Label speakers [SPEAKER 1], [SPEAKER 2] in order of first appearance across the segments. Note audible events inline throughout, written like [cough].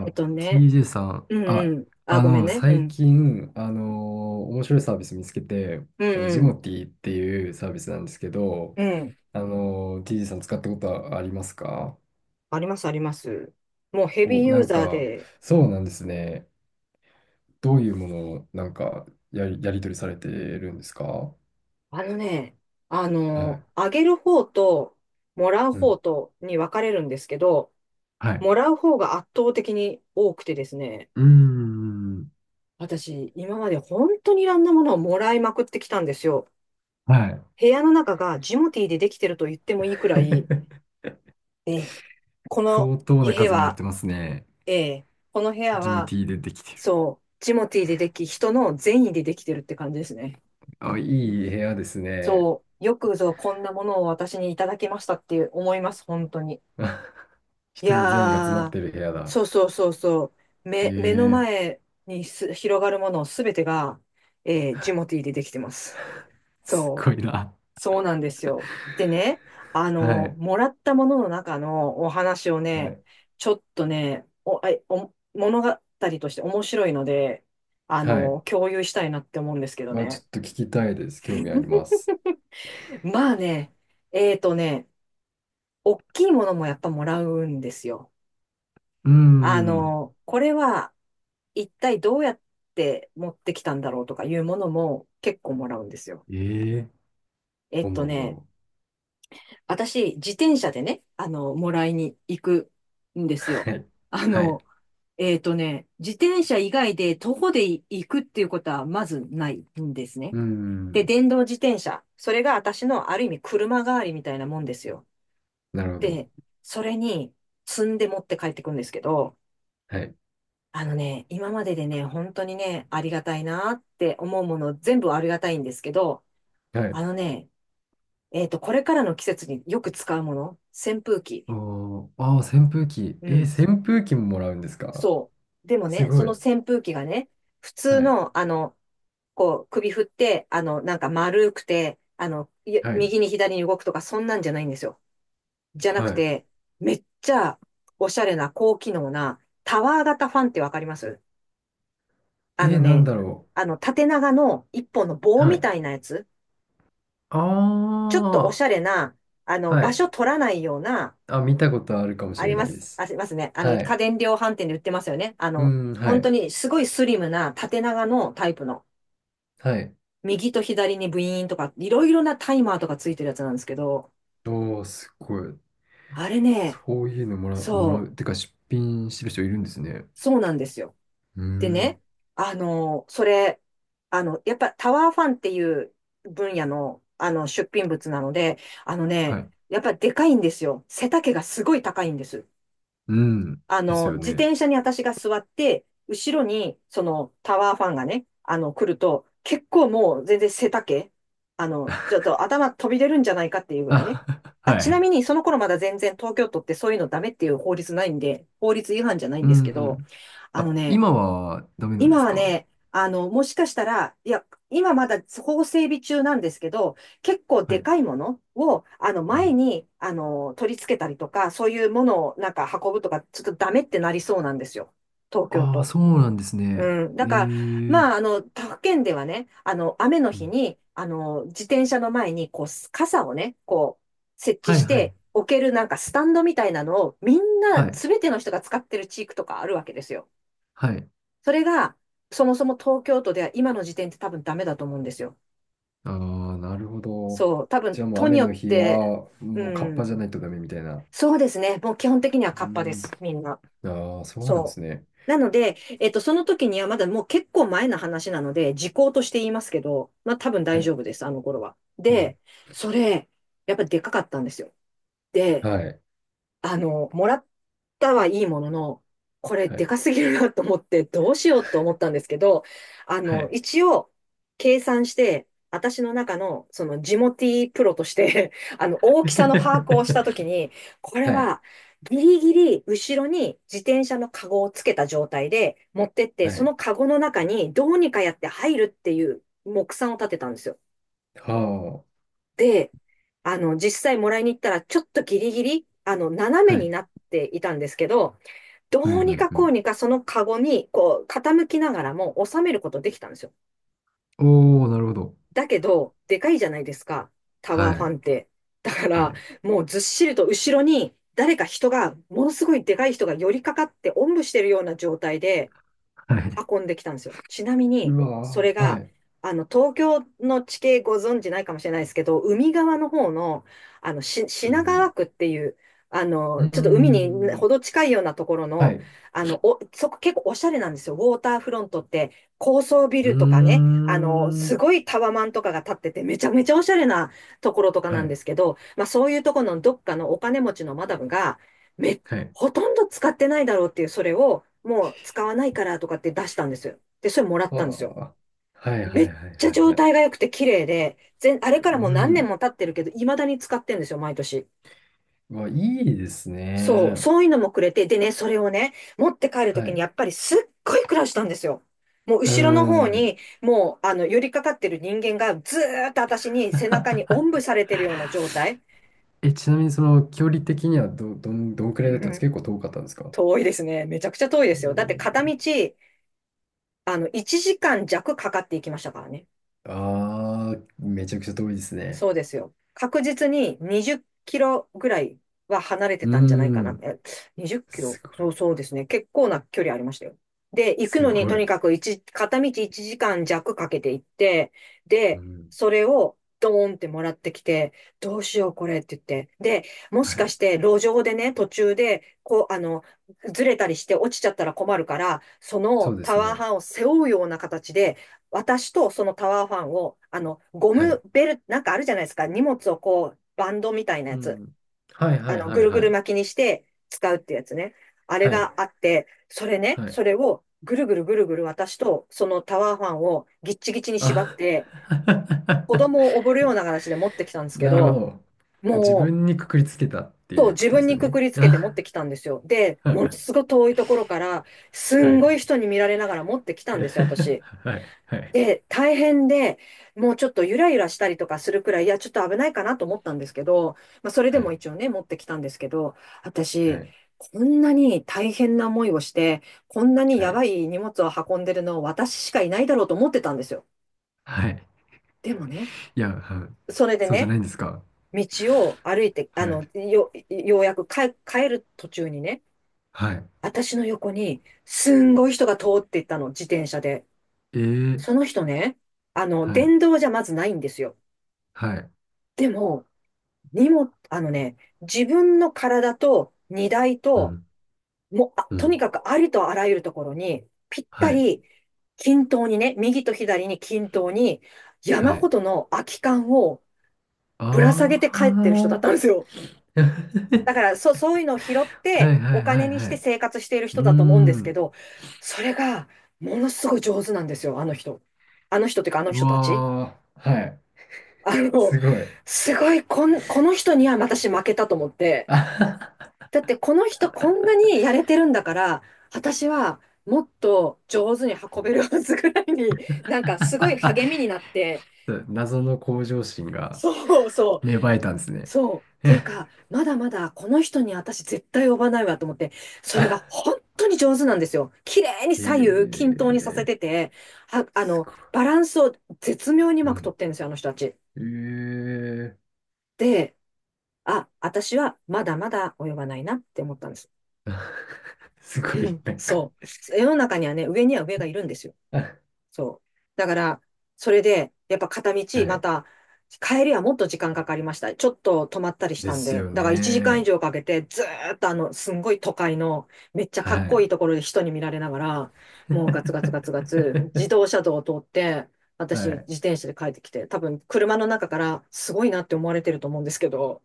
[SPEAKER 1] えっとね、
[SPEAKER 2] TJ さん。あ、
[SPEAKER 1] ごめんね。う
[SPEAKER 2] 最
[SPEAKER 1] ん。
[SPEAKER 2] 近、面白いサービス見つけて、
[SPEAKER 1] う
[SPEAKER 2] ジモ
[SPEAKER 1] ん
[SPEAKER 2] ティっていうサービスなんですけど、
[SPEAKER 1] うん。うん。
[SPEAKER 2] TJ さん使ったことはありますか？
[SPEAKER 1] あります、あります。もうヘビー
[SPEAKER 2] お、
[SPEAKER 1] ユ
[SPEAKER 2] な
[SPEAKER 1] ー
[SPEAKER 2] ん
[SPEAKER 1] ザー
[SPEAKER 2] か、
[SPEAKER 1] で、
[SPEAKER 2] そうなんですね。どういうものを、なんか、やり取りされてるんですか？は
[SPEAKER 1] あのね、
[SPEAKER 2] い。
[SPEAKER 1] あげる方と、もらう
[SPEAKER 2] う
[SPEAKER 1] 方
[SPEAKER 2] ん。
[SPEAKER 1] とに分かれるんですけど、
[SPEAKER 2] はい。
[SPEAKER 1] もらう方が圧倒的に多くてですね、
[SPEAKER 2] うーん。
[SPEAKER 1] 私、今まで本当にいろんなものをもらいまくってきたんですよ。
[SPEAKER 2] はい。
[SPEAKER 1] 部屋の中がジモティーでできてると言ってもいいくらい、
[SPEAKER 2] [laughs]
[SPEAKER 1] ええこの
[SPEAKER 2] 相当な
[SPEAKER 1] 家
[SPEAKER 2] 数もらっ
[SPEAKER 1] は、
[SPEAKER 2] てますね。
[SPEAKER 1] ええこの部屋
[SPEAKER 2] ジム
[SPEAKER 1] は、
[SPEAKER 2] T でできてる。
[SPEAKER 1] そう、ジモティーででき、人の善意でできてるって感じですね。
[SPEAKER 2] あ、いい部屋ですね。
[SPEAKER 1] そう、よくぞこんなものを私にいただきましたって思います、本当に。
[SPEAKER 2] [laughs]
[SPEAKER 1] い
[SPEAKER 2] 人の善意が詰ま
[SPEAKER 1] や
[SPEAKER 2] っ
[SPEAKER 1] ー、
[SPEAKER 2] てる部屋だ。
[SPEAKER 1] そうそうそうそ目の
[SPEAKER 2] ええ。
[SPEAKER 1] 前にす広がるものすべてが、ジモティーでできてます。
[SPEAKER 2] す
[SPEAKER 1] そ
[SPEAKER 2] ご
[SPEAKER 1] う。
[SPEAKER 2] いな。
[SPEAKER 1] そうなんですよ。でね、あ
[SPEAKER 2] は
[SPEAKER 1] の、
[SPEAKER 2] い。
[SPEAKER 1] もらったものの中のお話を
[SPEAKER 2] は
[SPEAKER 1] ね、
[SPEAKER 2] い。
[SPEAKER 1] ちょっとね、お、あお、物語として面白いので、あ
[SPEAKER 2] は
[SPEAKER 1] の、
[SPEAKER 2] い。
[SPEAKER 1] 共有したいなって思うんですけど
[SPEAKER 2] ちょ
[SPEAKER 1] ね。
[SPEAKER 2] っと聞きたいです。興味あります。
[SPEAKER 1] まあね、えーとね、大きいものもやっぱもらうんですよ。
[SPEAKER 2] うー
[SPEAKER 1] あ
[SPEAKER 2] ん。
[SPEAKER 1] の、これは一体どうやって持ってきたんだろうとかいうものも結構もらうんですよ。
[SPEAKER 2] ええ。
[SPEAKER 1] え
[SPEAKER 2] ど
[SPEAKER 1] っ
[SPEAKER 2] ん
[SPEAKER 1] と
[SPEAKER 2] なのだ
[SPEAKER 1] ね、
[SPEAKER 2] ろ
[SPEAKER 1] 私、自転車でね、あの、もらいに行くんですよ。
[SPEAKER 2] う。はい。
[SPEAKER 1] あ
[SPEAKER 2] は
[SPEAKER 1] の、
[SPEAKER 2] い。
[SPEAKER 1] 自転車以外で徒歩で行くっていうことはまずないんです
[SPEAKER 2] う
[SPEAKER 1] ね。
[SPEAKER 2] ー
[SPEAKER 1] で、
[SPEAKER 2] ん。
[SPEAKER 1] 電動自転車。それが私のある意味車代わりみたいなもんですよ。
[SPEAKER 2] なるほど。
[SPEAKER 1] で、それに積んで持って帰ってくんですけど、
[SPEAKER 2] はい。
[SPEAKER 1] あのね、今まででね、本当にね、ありがたいなって思うもの全部ありがたいんですけど、
[SPEAKER 2] はい。
[SPEAKER 1] あのね、えっと、これからの季節によく使うもの、扇風機。
[SPEAKER 2] おー、あー、扇風機。
[SPEAKER 1] う
[SPEAKER 2] え
[SPEAKER 1] ん。
[SPEAKER 2] ー、扇風機ももらうんですか？
[SPEAKER 1] そう。でも
[SPEAKER 2] す
[SPEAKER 1] ね、
[SPEAKER 2] ご
[SPEAKER 1] そ
[SPEAKER 2] い。
[SPEAKER 1] の扇風機がね、普
[SPEAKER 2] は
[SPEAKER 1] 通
[SPEAKER 2] い。
[SPEAKER 1] の、あの、こう、首振って、あの、なんか丸くて、あの、
[SPEAKER 2] はい。
[SPEAKER 1] 右に左に動くとか、そんなんじゃないんですよ。じゃなく
[SPEAKER 2] はい。
[SPEAKER 1] て、めっちゃおしゃれな高機能なタワー型ファンってわかります？あの
[SPEAKER 2] なん
[SPEAKER 1] ね、
[SPEAKER 2] だろ
[SPEAKER 1] あの、縦長の一本の棒
[SPEAKER 2] う。は
[SPEAKER 1] み
[SPEAKER 2] い。
[SPEAKER 1] たいなやつ、
[SPEAKER 2] あ
[SPEAKER 1] ちょっとおし
[SPEAKER 2] あ、
[SPEAKER 1] ゃれな、あの、
[SPEAKER 2] は
[SPEAKER 1] 場
[SPEAKER 2] い。
[SPEAKER 1] 所取らないような、
[SPEAKER 2] あ、見たことあるかもし
[SPEAKER 1] あ
[SPEAKER 2] れ
[SPEAKER 1] り
[SPEAKER 2] な
[SPEAKER 1] ま
[SPEAKER 2] いで
[SPEAKER 1] す、あ
[SPEAKER 2] す。
[SPEAKER 1] りますね。あの、
[SPEAKER 2] は
[SPEAKER 1] 家
[SPEAKER 2] い。
[SPEAKER 1] 電量販店で売ってますよね。あ
[SPEAKER 2] う
[SPEAKER 1] の、
[SPEAKER 2] ん、は
[SPEAKER 1] 本当
[SPEAKER 2] い。
[SPEAKER 1] にすごいスリムな縦長のタイプの。
[SPEAKER 2] はい。
[SPEAKER 1] 右と左にブイーンとか、いろいろなタイマーとかついてるやつなんですけど、
[SPEAKER 2] おあ、すごい。
[SPEAKER 1] あれね、
[SPEAKER 2] そういうのもらう、もら
[SPEAKER 1] そ
[SPEAKER 2] う。てか、出品してる人いるんですね。
[SPEAKER 1] そうなんですよ。
[SPEAKER 2] うー
[SPEAKER 1] で
[SPEAKER 2] ん。
[SPEAKER 1] ね、あの、それ、あの、やっぱタワーファンっていう分野の、あの、出品物なので、あの
[SPEAKER 2] は
[SPEAKER 1] ね、
[SPEAKER 2] い。
[SPEAKER 1] やっぱでかいんですよ。背丈がすごい高いんです。
[SPEAKER 2] うん。
[SPEAKER 1] あ
[SPEAKER 2] です
[SPEAKER 1] の、
[SPEAKER 2] よ
[SPEAKER 1] 自
[SPEAKER 2] ね。
[SPEAKER 1] 転車に私が座って、後ろに、その、タワーファンがね、あの、来ると、結構もう全然背丈、あの、ちょっと頭飛び出るんじゃないかっていうぐらいね。
[SPEAKER 2] あ、[laughs]
[SPEAKER 1] あ、
[SPEAKER 2] は
[SPEAKER 1] ちな
[SPEAKER 2] い。
[SPEAKER 1] みに、その頃まだ全然東京都ってそういうのダメっていう法律ないんで、法律違反じゃないん
[SPEAKER 2] う
[SPEAKER 1] ですけど、
[SPEAKER 2] ん。
[SPEAKER 1] あの
[SPEAKER 2] あ、
[SPEAKER 1] ね、
[SPEAKER 2] 今はダメなんで
[SPEAKER 1] 今
[SPEAKER 2] す
[SPEAKER 1] は
[SPEAKER 2] か？
[SPEAKER 1] ね、あの、もしかしたら、いや、今まだ法整備中なんですけど、結構
[SPEAKER 2] は
[SPEAKER 1] で
[SPEAKER 2] い。
[SPEAKER 1] かいものを、あの、
[SPEAKER 2] う
[SPEAKER 1] 前
[SPEAKER 2] ん。
[SPEAKER 1] に、あの、取り付けたりとか、そういうものをなんか運ぶとか、ちょっとダメってなりそうなんですよ。東京
[SPEAKER 2] ああ、
[SPEAKER 1] 都。
[SPEAKER 2] そうなんですね。
[SPEAKER 1] うん。
[SPEAKER 2] え
[SPEAKER 1] だ
[SPEAKER 2] え
[SPEAKER 1] から、
[SPEAKER 2] ー。
[SPEAKER 1] まあ、あの、他府県ではね、あの、雨の
[SPEAKER 2] う
[SPEAKER 1] 日
[SPEAKER 2] ん。
[SPEAKER 1] に、あの、自転車の前に、こう、傘をね、こう、設置
[SPEAKER 2] はい
[SPEAKER 1] し
[SPEAKER 2] はい。
[SPEAKER 1] て、置けるなんかスタンドみたいなのを、みんな、
[SPEAKER 2] はい。
[SPEAKER 1] すべての人が使ってる地域とかあるわけですよ。
[SPEAKER 2] はい。
[SPEAKER 1] それが、そもそも東京都では今の時点って多分ダメだと思うんですよ。
[SPEAKER 2] ああ、なるほど。
[SPEAKER 1] そう、多分
[SPEAKER 2] じゃあもう
[SPEAKER 1] 都に
[SPEAKER 2] 雨
[SPEAKER 1] よ
[SPEAKER 2] の
[SPEAKER 1] っ
[SPEAKER 2] 日
[SPEAKER 1] て、
[SPEAKER 2] は、
[SPEAKER 1] う
[SPEAKER 2] もうカッパじゃ
[SPEAKER 1] ん、
[SPEAKER 2] ないとダメみたいな。
[SPEAKER 1] そうですね。もう基本的には
[SPEAKER 2] う
[SPEAKER 1] カッパです、
[SPEAKER 2] ん。
[SPEAKER 1] みんな。
[SPEAKER 2] ああ、そうなんで
[SPEAKER 1] そ
[SPEAKER 2] すね。
[SPEAKER 1] う。なので、えっと、その時にはまだもう結構前の話なので、時効として言いますけど、まあ多分
[SPEAKER 2] は
[SPEAKER 1] 大
[SPEAKER 2] い。
[SPEAKER 1] 丈夫です、あの頃は。
[SPEAKER 2] うん。
[SPEAKER 1] で、それ、やっぱでかかったんですよ。で、
[SPEAKER 2] はい。
[SPEAKER 1] あの、もらったはいいものの、これ
[SPEAKER 2] は
[SPEAKER 1] で
[SPEAKER 2] い。
[SPEAKER 1] かすぎるなと思って、どうしようと思ったんですけど、あ
[SPEAKER 2] は
[SPEAKER 1] の、
[SPEAKER 2] い。
[SPEAKER 1] 一応、計算して、私の中の、その、ジモティプロとして [laughs] あの、大
[SPEAKER 2] [laughs]
[SPEAKER 1] きさの把握をしたと
[SPEAKER 2] は
[SPEAKER 1] きに、これ
[SPEAKER 2] い。
[SPEAKER 1] は、ギリギリ、後ろに自転車のカゴをつけた状態で持ってって、
[SPEAKER 2] は
[SPEAKER 1] そ
[SPEAKER 2] い。
[SPEAKER 1] のカゴの中にどうにかやって入るっていう目算を立てたんですよ。
[SPEAKER 2] は
[SPEAKER 1] で、あの、実際もらいに行ったら、ちょっとギリギリ、あの、斜
[SPEAKER 2] あ。
[SPEAKER 1] め
[SPEAKER 2] は
[SPEAKER 1] にな
[SPEAKER 2] い。
[SPEAKER 1] っていたんですけど、ど
[SPEAKER 2] う
[SPEAKER 1] うに
[SPEAKER 2] ん
[SPEAKER 1] か
[SPEAKER 2] う
[SPEAKER 1] こう
[SPEAKER 2] ん
[SPEAKER 1] にかそのカゴに、こう、傾きながらも収めることできたんですよ。
[SPEAKER 2] うん。おー、なるほど。
[SPEAKER 1] だけど、でかいじゃないですか、タワ
[SPEAKER 2] は
[SPEAKER 1] ーファン
[SPEAKER 2] い。
[SPEAKER 1] って。だか
[SPEAKER 2] は
[SPEAKER 1] ら、
[SPEAKER 2] い。
[SPEAKER 1] もうずっしりと後ろに、誰か人が、ものすごいでかい人が寄りかかって、おんぶしてるような状態で、
[SPEAKER 2] はい。
[SPEAKER 1] 運んできたんですよ。ちなみ
[SPEAKER 2] う
[SPEAKER 1] に、そ
[SPEAKER 2] わ
[SPEAKER 1] れ
[SPEAKER 2] ー。は
[SPEAKER 1] が、
[SPEAKER 2] い。
[SPEAKER 1] あの、東京の地形ご存知ないかもしれないですけど、海側の方の、あの、
[SPEAKER 2] う
[SPEAKER 1] 品川
[SPEAKER 2] ん。
[SPEAKER 1] 区っていう、あ
[SPEAKER 2] う
[SPEAKER 1] の、
[SPEAKER 2] ー
[SPEAKER 1] ちょっと海にほ
[SPEAKER 2] ん。
[SPEAKER 1] ど近いようなところ
[SPEAKER 2] は
[SPEAKER 1] の、
[SPEAKER 2] い。
[SPEAKER 1] あの、そこ結構おしゃれなんですよ。ウォーターフロントって、高層ビ
[SPEAKER 2] うー
[SPEAKER 1] ルとかね、あの、す
[SPEAKER 2] ん。
[SPEAKER 1] ごいタワマンとかが建ってて、めちゃめちゃおしゃれなところとかな
[SPEAKER 2] は
[SPEAKER 1] んで
[SPEAKER 2] い。
[SPEAKER 1] すけど、まあそういうところのどっかのお金持ちのマダムが、めっ
[SPEAKER 2] はい。
[SPEAKER 1] ほとんど使ってないだろうっていう、それを、もう使わないからとかって出したんですよ。で、それもらったんですよ。
[SPEAKER 2] はあ。はいは
[SPEAKER 1] め
[SPEAKER 2] い
[SPEAKER 1] っ
[SPEAKER 2] はい
[SPEAKER 1] ちゃ
[SPEAKER 2] はい
[SPEAKER 1] 状
[SPEAKER 2] はい。
[SPEAKER 1] 態が良くて綺麗で、全、あれ
[SPEAKER 2] う
[SPEAKER 1] からもう何年
[SPEAKER 2] ん。
[SPEAKER 1] も経ってるけど、未だに使ってるんですよ、毎年。
[SPEAKER 2] うわ、いいです
[SPEAKER 1] そう、
[SPEAKER 2] ね。
[SPEAKER 1] そういうのもくれて、でね、それをね、持って帰ると
[SPEAKER 2] は
[SPEAKER 1] きに
[SPEAKER 2] い。
[SPEAKER 1] やっぱりすっごい苦労したんですよ。もう
[SPEAKER 2] うー
[SPEAKER 1] 後ろの方
[SPEAKER 2] ん。
[SPEAKER 1] に、もう、あの、寄りかかってる人間がずーっと私に背中におんぶ
[SPEAKER 2] [laughs]
[SPEAKER 1] されてるような状態。
[SPEAKER 2] え、ちなみにその距離的にはどんくら
[SPEAKER 1] う
[SPEAKER 2] いだったんです
[SPEAKER 1] ん、
[SPEAKER 2] か？結構遠かったんですか？
[SPEAKER 1] 遠いですね。めちゃくちゃ遠いですよ。だって片道あの、1時間弱かかっていきましたからね。
[SPEAKER 2] あーああ、めちゃくちゃ遠いですね。
[SPEAKER 1] そうですよ。確実に20キロぐらいは離れて
[SPEAKER 2] う
[SPEAKER 1] たんじゃないか
[SPEAKER 2] ー
[SPEAKER 1] な。
[SPEAKER 2] ん。
[SPEAKER 1] え、20キロ、
[SPEAKER 2] すごい。
[SPEAKER 1] そうそうですね。結構な距離ありましたよ。で、行く
[SPEAKER 2] す
[SPEAKER 1] のに
[SPEAKER 2] ご
[SPEAKER 1] と
[SPEAKER 2] い。
[SPEAKER 1] にかく一片道1時間弱かけて行って、
[SPEAKER 2] う
[SPEAKER 1] で、
[SPEAKER 2] ん。
[SPEAKER 1] それをドーンってもらってきて、どうしようこれって言って。で、もし
[SPEAKER 2] は
[SPEAKER 1] か
[SPEAKER 2] い。
[SPEAKER 1] して路上でね、途中で、こう、あの、ずれたりして落ちちゃったら困るから、そ
[SPEAKER 2] そう
[SPEAKER 1] の
[SPEAKER 2] で
[SPEAKER 1] タ
[SPEAKER 2] す
[SPEAKER 1] ワー
[SPEAKER 2] ね。
[SPEAKER 1] ハンを背負うような形で、私とそのタワーファンを、あの、ゴ
[SPEAKER 2] は
[SPEAKER 1] ム
[SPEAKER 2] い。
[SPEAKER 1] ベル、なんかあるじゃないですか。荷物をこう、バンドみたいなや
[SPEAKER 2] う
[SPEAKER 1] つ。
[SPEAKER 2] ん。はい
[SPEAKER 1] あ
[SPEAKER 2] はい
[SPEAKER 1] の、ぐ
[SPEAKER 2] はい
[SPEAKER 1] るぐ
[SPEAKER 2] は
[SPEAKER 1] る
[SPEAKER 2] い。
[SPEAKER 1] 巻きにして使うってやつね。あれ
[SPEAKER 2] はい。
[SPEAKER 1] があって、それね、
[SPEAKER 2] はい。
[SPEAKER 1] それをぐるぐるぐるぐる私とそのタワーファンをぎっちぎちに縛っ
[SPEAKER 2] あ
[SPEAKER 1] て、子供を
[SPEAKER 2] [laughs]
[SPEAKER 1] 溺るような形で持ってきたんですけ
[SPEAKER 2] なるほ
[SPEAKER 1] ど、
[SPEAKER 2] ど。自
[SPEAKER 1] もう、
[SPEAKER 2] 分にくくりつけたって
[SPEAKER 1] そ
[SPEAKER 2] い
[SPEAKER 1] う、
[SPEAKER 2] うこ
[SPEAKER 1] 自
[SPEAKER 2] とで
[SPEAKER 1] 分
[SPEAKER 2] す
[SPEAKER 1] に
[SPEAKER 2] よ
[SPEAKER 1] く
[SPEAKER 2] ね。
[SPEAKER 1] くりつけて持
[SPEAKER 2] あ
[SPEAKER 1] ってきたんですよ。で、ものす
[SPEAKER 2] [laughs]
[SPEAKER 1] ごい遠いところから、す
[SPEAKER 2] は
[SPEAKER 1] んご
[SPEAKER 2] い。
[SPEAKER 1] い人に見られながら持ってきた
[SPEAKER 2] い
[SPEAKER 1] ん
[SPEAKER 2] や
[SPEAKER 1] ですよ、私。
[SPEAKER 2] [laughs] はい。はい。
[SPEAKER 1] で、大変で、もうちょっとゆらゆらしたりとかするくらい、いや、ちょっと危ないかなと思ったんですけど、まあ、それで
[SPEAKER 2] は
[SPEAKER 1] も
[SPEAKER 2] い。
[SPEAKER 1] 一応ね、持ってきたんですけど、
[SPEAKER 2] は
[SPEAKER 1] 私、
[SPEAKER 2] い。
[SPEAKER 1] こんなに大変な思いをして、こんなに
[SPEAKER 2] は
[SPEAKER 1] や
[SPEAKER 2] い。
[SPEAKER 1] ばい荷物を運んでるの私しかいないだろうと思ってたんですよ。
[SPEAKER 2] はい。
[SPEAKER 1] でもね、
[SPEAKER 2] いや、はい。
[SPEAKER 1] それで
[SPEAKER 2] そうじゃ
[SPEAKER 1] ね、
[SPEAKER 2] ないんですか？
[SPEAKER 1] 道を歩いて、
[SPEAKER 2] はい。
[SPEAKER 1] ようやく帰る途中にね、
[SPEAKER 2] はい。
[SPEAKER 1] 私の横に、すんごい人が通っていったの、自転車で。
[SPEAKER 2] えー。
[SPEAKER 1] その人ね、あの、
[SPEAKER 2] はい。
[SPEAKER 1] 電動じゃまずないんですよ。
[SPEAKER 2] はい。
[SPEAKER 1] でも、荷物、あのね、自分の体と荷台
[SPEAKER 2] う
[SPEAKER 1] と、
[SPEAKER 2] ん。
[SPEAKER 1] もう、あ、
[SPEAKER 2] う
[SPEAKER 1] と
[SPEAKER 2] ん。
[SPEAKER 1] にかくありとあらゆるところに、ぴっ
[SPEAKER 2] は
[SPEAKER 1] た
[SPEAKER 2] い。
[SPEAKER 1] り、均等にね、右と左に均等に、
[SPEAKER 2] は
[SPEAKER 1] 山ほ
[SPEAKER 2] い。
[SPEAKER 1] どの空き缶を
[SPEAKER 2] あ
[SPEAKER 1] ぶら下げて帰ってる人だったんですよ。
[SPEAKER 2] あ。[laughs] は
[SPEAKER 1] だから、そういうのを拾っ
[SPEAKER 2] いはい
[SPEAKER 1] て、お
[SPEAKER 2] は
[SPEAKER 1] 金
[SPEAKER 2] い
[SPEAKER 1] にし
[SPEAKER 2] は
[SPEAKER 1] て
[SPEAKER 2] い。
[SPEAKER 1] 生活している
[SPEAKER 2] うー
[SPEAKER 1] 人だと思うんですけ
[SPEAKER 2] ん。
[SPEAKER 1] ど、それが、ものすごい上手なんですよ、あの人。あの人っていうか、あの
[SPEAKER 2] う
[SPEAKER 1] 人たち。
[SPEAKER 2] わー。はい。
[SPEAKER 1] あの、
[SPEAKER 2] すごい。
[SPEAKER 1] すごい、この人には私負けたと思って、だってこの人こんなにやれてるんだから、私はもっと上手に運べるはずぐらいに、なんか
[SPEAKER 2] [laughs]
[SPEAKER 1] すごい励みになって、
[SPEAKER 2] 謎の向上心が
[SPEAKER 1] そうそう、
[SPEAKER 2] 芽生えたんですね。
[SPEAKER 1] そう。っ
[SPEAKER 2] [laughs]
[SPEAKER 1] ていう
[SPEAKER 2] へ
[SPEAKER 1] か、まだまだこの人に私絶対呼ばないわと思って、それが本当に上手なんですよ。綺麗に左右均等にさせ
[SPEAKER 2] え。
[SPEAKER 1] てて、は、あ
[SPEAKER 2] す
[SPEAKER 1] の、
[SPEAKER 2] ごい。
[SPEAKER 1] バランスを絶妙にう
[SPEAKER 2] う
[SPEAKER 1] まく
[SPEAKER 2] ん。
[SPEAKER 1] 取ってるんですよ、あの人たち。
[SPEAKER 2] ええ。
[SPEAKER 1] で、あ、私はまだまだ及ばないなって思ったんです。
[SPEAKER 2] [laughs] すご
[SPEAKER 1] う
[SPEAKER 2] い、
[SPEAKER 1] ん、
[SPEAKER 2] なんか
[SPEAKER 1] そう。世の中にはね、上には上がいるんですよ。
[SPEAKER 2] [laughs]。
[SPEAKER 1] そう。だから、それで、やっぱ片道、
[SPEAKER 2] は
[SPEAKER 1] ま
[SPEAKER 2] い。
[SPEAKER 1] た、帰りはもっと時間かかりました。ちょっと止まったりし
[SPEAKER 2] で
[SPEAKER 1] たん
[SPEAKER 2] す
[SPEAKER 1] で。
[SPEAKER 2] よ
[SPEAKER 1] だから1時間以
[SPEAKER 2] ね。
[SPEAKER 1] 上かけて、ずーっとあの、すんごい都会の、めっちゃかっ
[SPEAKER 2] は
[SPEAKER 1] こい
[SPEAKER 2] い。
[SPEAKER 1] いところで人に見られながら、もうガツガツガツガツ、
[SPEAKER 2] [laughs]
[SPEAKER 1] 自動車道を通って、私、
[SPEAKER 2] はい。
[SPEAKER 1] 自転車で帰ってきて、多分、車の中から、すごいなって思われてると思うんですけど、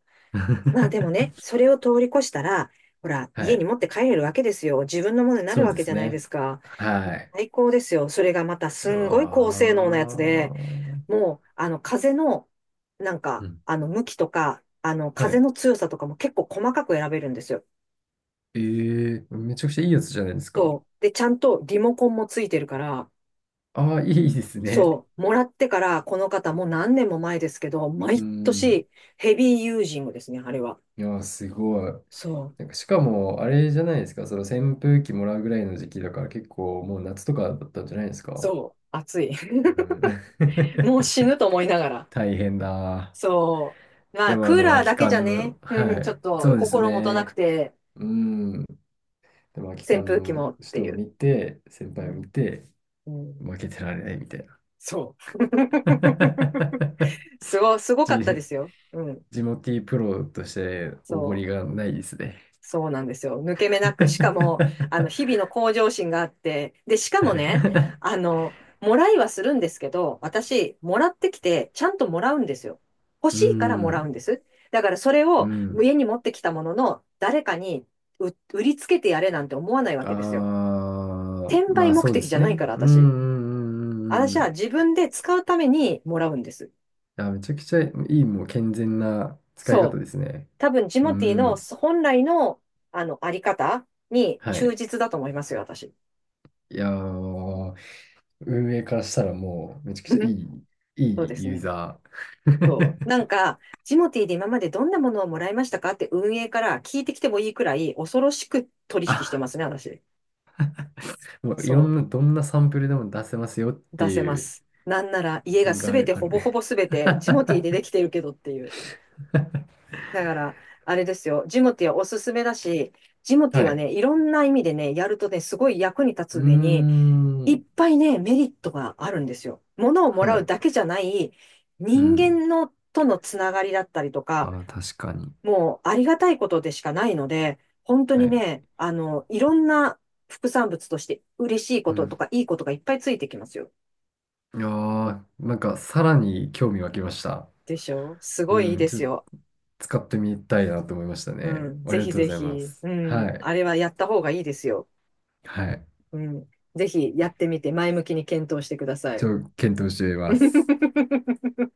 [SPEAKER 1] まあでもね、
[SPEAKER 2] [laughs]
[SPEAKER 1] それを通り越したら、ほら、
[SPEAKER 2] は
[SPEAKER 1] 家に
[SPEAKER 2] い。
[SPEAKER 1] 持って帰れるわけですよ。自分のものにな
[SPEAKER 2] そ
[SPEAKER 1] る
[SPEAKER 2] う
[SPEAKER 1] わ
[SPEAKER 2] で
[SPEAKER 1] けじ
[SPEAKER 2] す
[SPEAKER 1] ゃないで
[SPEAKER 2] ね。
[SPEAKER 1] すか。も
[SPEAKER 2] は
[SPEAKER 1] う
[SPEAKER 2] い。
[SPEAKER 1] 最高ですよ。それがまたす
[SPEAKER 2] う
[SPEAKER 1] んごい高性能なやつ
[SPEAKER 2] わ
[SPEAKER 1] で、
[SPEAKER 2] ー。
[SPEAKER 1] もう、あの、風の、なん
[SPEAKER 2] う
[SPEAKER 1] か、
[SPEAKER 2] ん。
[SPEAKER 1] あの、向きとか、あの、
[SPEAKER 2] は
[SPEAKER 1] 風
[SPEAKER 2] い。
[SPEAKER 1] の強さとかも結構細かく選べるんですよ。
[SPEAKER 2] ええー。めちゃくちゃいいやつじゃないですか？
[SPEAKER 1] そう。で、ちゃんとリモコンもついてるから、
[SPEAKER 2] ああ、いいですね。
[SPEAKER 1] そう、もらってから、この方もう何年も前ですけど、
[SPEAKER 2] う
[SPEAKER 1] 毎
[SPEAKER 2] ん。
[SPEAKER 1] 年ヘビーユージングですね、あれは。
[SPEAKER 2] いやー、すごい。
[SPEAKER 1] そう、
[SPEAKER 2] なんか、しかも、あれじゃないですか。その扇風機もらうぐらいの時期だから、結構もう夏とかだったんじゃないですか？
[SPEAKER 1] そう、熱い。
[SPEAKER 2] う
[SPEAKER 1] [laughs]
[SPEAKER 2] ん。
[SPEAKER 1] もう死
[SPEAKER 2] [laughs]
[SPEAKER 1] ぬと思いながら。
[SPEAKER 2] 大変だ。
[SPEAKER 1] そう。ま
[SPEAKER 2] で
[SPEAKER 1] あ、
[SPEAKER 2] も、
[SPEAKER 1] クーラ
[SPEAKER 2] 空
[SPEAKER 1] ー
[SPEAKER 2] き
[SPEAKER 1] だけじゃ
[SPEAKER 2] 缶
[SPEAKER 1] ね、
[SPEAKER 2] の、
[SPEAKER 1] うん、
[SPEAKER 2] は
[SPEAKER 1] ちょっ
[SPEAKER 2] い。そ
[SPEAKER 1] と
[SPEAKER 2] うです
[SPEAKER 1] 心もとなく
[SPEAKER 2] ね。
[SPEAKER 1] て、
[SPEAKER 2] うん。でも、空き
[SPEAKER 1] 扇
[SPEAKER 2] 缶
[SPEAKER 1] 風機も
[SPEAKER 2] の
[SPEAKER 1] って
[SPEAKER 2] 人
[SPEAKER 1] い
[SPEAKER 2] を
[SPEAKER 1] う。
[SPEAKER 2] 見て、先
[SPEAKER 1] う
[SPEAKER 2] 輩を
[SPEAKER 1] ん、
[SPEAKER 2] 見て、
[SPEAKER 1] うん、
[SPEAKER 2] 負けてられないみたいな。
[SPEAKER 1] そう。[laughs] す
[SPEAKER 2] [laughs]
[SPEAKER 1] ごかったで
[SPEAKER 2] じ
[SPEAKER 1] すよ。うん、
[SPEAKER 2] ジモティープロとしておご
[SPEAKER 1] そ
[SPEAKER 2] り
[SPEAKER 1] う。
[SPEAKER 2] がないですね。
[SPEAKER 1] そうなんですよ。抜け目なく、しかも、あの、
[SPEAKER 2] [laughs]
[SPEAKER 1] 日々の向上心があって、で、しか
[SPEAKER 2] は
[SPEAKER 1] もね、
[SPEAKER 2] い。
[SPEAKER 1] あの、もらいはするんですけど、私、もらってきて、ちゃんともらうんですよ。欲
[SPEAKER 2] う
[SPEAKER 1] しいからもらうん
[SPEAKER 2] ん、
[SPEAKER 1] です。だから、それ
[SPEAKER 2] う
[SPEAKER 1] を
[SPEAKER 2] ん。
[SPEAKER 1] 家に持ってきたものの、誰かに売りつけてやれなんて思わないわけですよ。
[SPEAKER 2] ああ、
[SPEAKER 1] 転
[SPEAKER 2] ま
[SPEAKER 1] 売
[SPEAKER 2] あ
[SPEAKER 1] 目
[SPEAKER 2] そうで
[SPEAKER 1] 的じ
[SPEAKER 2] す
[SPEAKER 1] ゃない
[SPEAKER 2] ね。
[SPEAKER 1] から、
[SPEAKER 2] うん、う
[SPEAKER 1] 私。
[SPEAKER 2] ん、うん、うん
[SPEAKER 1] 私
[SPEAKER 2] う
[SPEAKER 1] は
[SPEAKER 2] ん。
[SPEAKER 1] 自分で使うためにもらうんです。
[SPEAKER 2] あ、めちゃくちゃいい、もう健全な使い方
[SPEAKER 1] そう。
[SPEAKER 2] ですね。
[SPEAKER 1] 多分、ジ
[SPEAKER 2] う
[SPEAKER 1] モティーの
[SPEAKER 2] ん、
[SPEAKER 1] 本来の、あの、あり方に
[SPEAKER 2] は
[SPEAKER 1] 忠
[SPEAKER 2] い。
[SPEAKER 1] 実だと思いますよ、私。
[SPEAKER 2] いやー、運営からしたらもうめちゃくちゃい
[SPEAKER 1] [laughs]
[SPEAKER 2] い、い
[SPEAKER 1] そう
[SPEAKER 2] い
[SPEAKER 1] です
[SPEAKER 2] ユー
[SPEAKER 1] ね。
[SPEAKER 2] ザ
[SPEAKER 1] そう。
[SPEAKER 2] ー。
[SPEAKER 1] なんか、ジモティーで今までどんなものをもらいましたかって運営から聞いてきてもいいくらい恐ろしく取
[SPEAKER 2] [laughs]
[SPEAKER 1] 引してま
[SPEAKER 2] あ、
[SPEAKER 1] すね、私。
[SPEAKER 2] もういろ
[SPEAKER 1] そ
[SPEAKER 2] んな、どんなサンプルでも出せますよっ
[SPEAKER 1] う。
[SPEAKER 2] て
[SPEAKER 1] 出せま
[SPEAKER 2] いう
[SPEAKER 1] す。なんなら
[SPEAKER 2] 自
[SPEAKER 1] 家が
[SPEAKER 2] 信
[SPEAKER 1] す
[SPEAKER 2] があ
[SPEAKER 1] べ
[SPEAKER 2] る、
[SPEAKER 1] て
[SPEAKER 2] あ
[SPEAKER 1] ほぼ
[SPEAKER 2] る。
[SPEAKER 1] ほぼすべてジモティーででき
[SPEAKER 2] [laughs]
[SPEAKER 1] てるけどっていう。だから、あれですよ。ジモティーはおすすめだし、ジモティー
[SPEAKER 2] は
[SPEAKER 1] は
[SPEAKER 2] い。
[SPEAKER 1] ね、いろんな意味でね、やるとね、すごい役に立
[SPEAKER 2] うー
[SPEAKER 1] つ上に、いっ
[SPEAKER 2] ん。
[SPEAKER 1] ぱいね、メリットがあるんですよ。物をも
[SPEAKER 2] は
[SPEAKER 1] らう
[SPEAKER 2] い。
[SPEAKER 1] だけじゃない、
[SPEAKER 2] う
[SPEAKER 1] 人
[SPEAKER 2] ん。
[SPEAKER 1] 間のとのつながりだったりとか、
[SPEAKER 2] ああ、確かに。
[SPEAKER 1] もうありがたいことでしかないので、本当
[SPEAKER 2] は
[SPEAKER 1] に
[SPEAKER 2] い。
[SPEAKER 1] ね、あの、いろんな副産物として嬉しいこ
[SPEAKER 2] う
[SPEAKER 1] とと
[SPEAKER 2] ん。
[SPEAKER 1] かいいことがいっぱいついてきますよ。
[SPEAKER 2] いやー、なんかさらに興味湧きました。
[SPEAKER 1] でしょ、すごいいい
[SPEAKER 2] うん。
[SPEAKER 1] で
[SPEAKER 2] ちょ
[SPEAKER 1] す
[SPEAKER 2] っと
[SPEAKER 1] よ。
[SPEAKER 2] 使ってみたいなと思いました
[SPEAKER 1] う
[SPEAKER 2] ね。
[SPEAKER 1] ん。
[SPEAKER 2] あ
[SPEAKER 1] ぜ
[SPEAKER 2] りが
[SPEAKER 1] ひ
[SPEAKER 2] とうご
[SPEAKER 1] ぜ
[SPEAKER 2] ざいま
[SPEAKER 1] ひ。
[SPEAKER 2] す。
[SPEAKER 1] う
[SPEAKER 2] は
[SPEAKER 1] ん。
[SPEAKER 2] い。
[SPEAKER 1] あれはやった方がいいですよ。
[SPEAKER 2] はい。
[SPEAKER 1] うん。ぜひやってみて前向きに検討してください。
[SPEAKER 2] 検討してみます。
[SPEAKER 1] [laughs]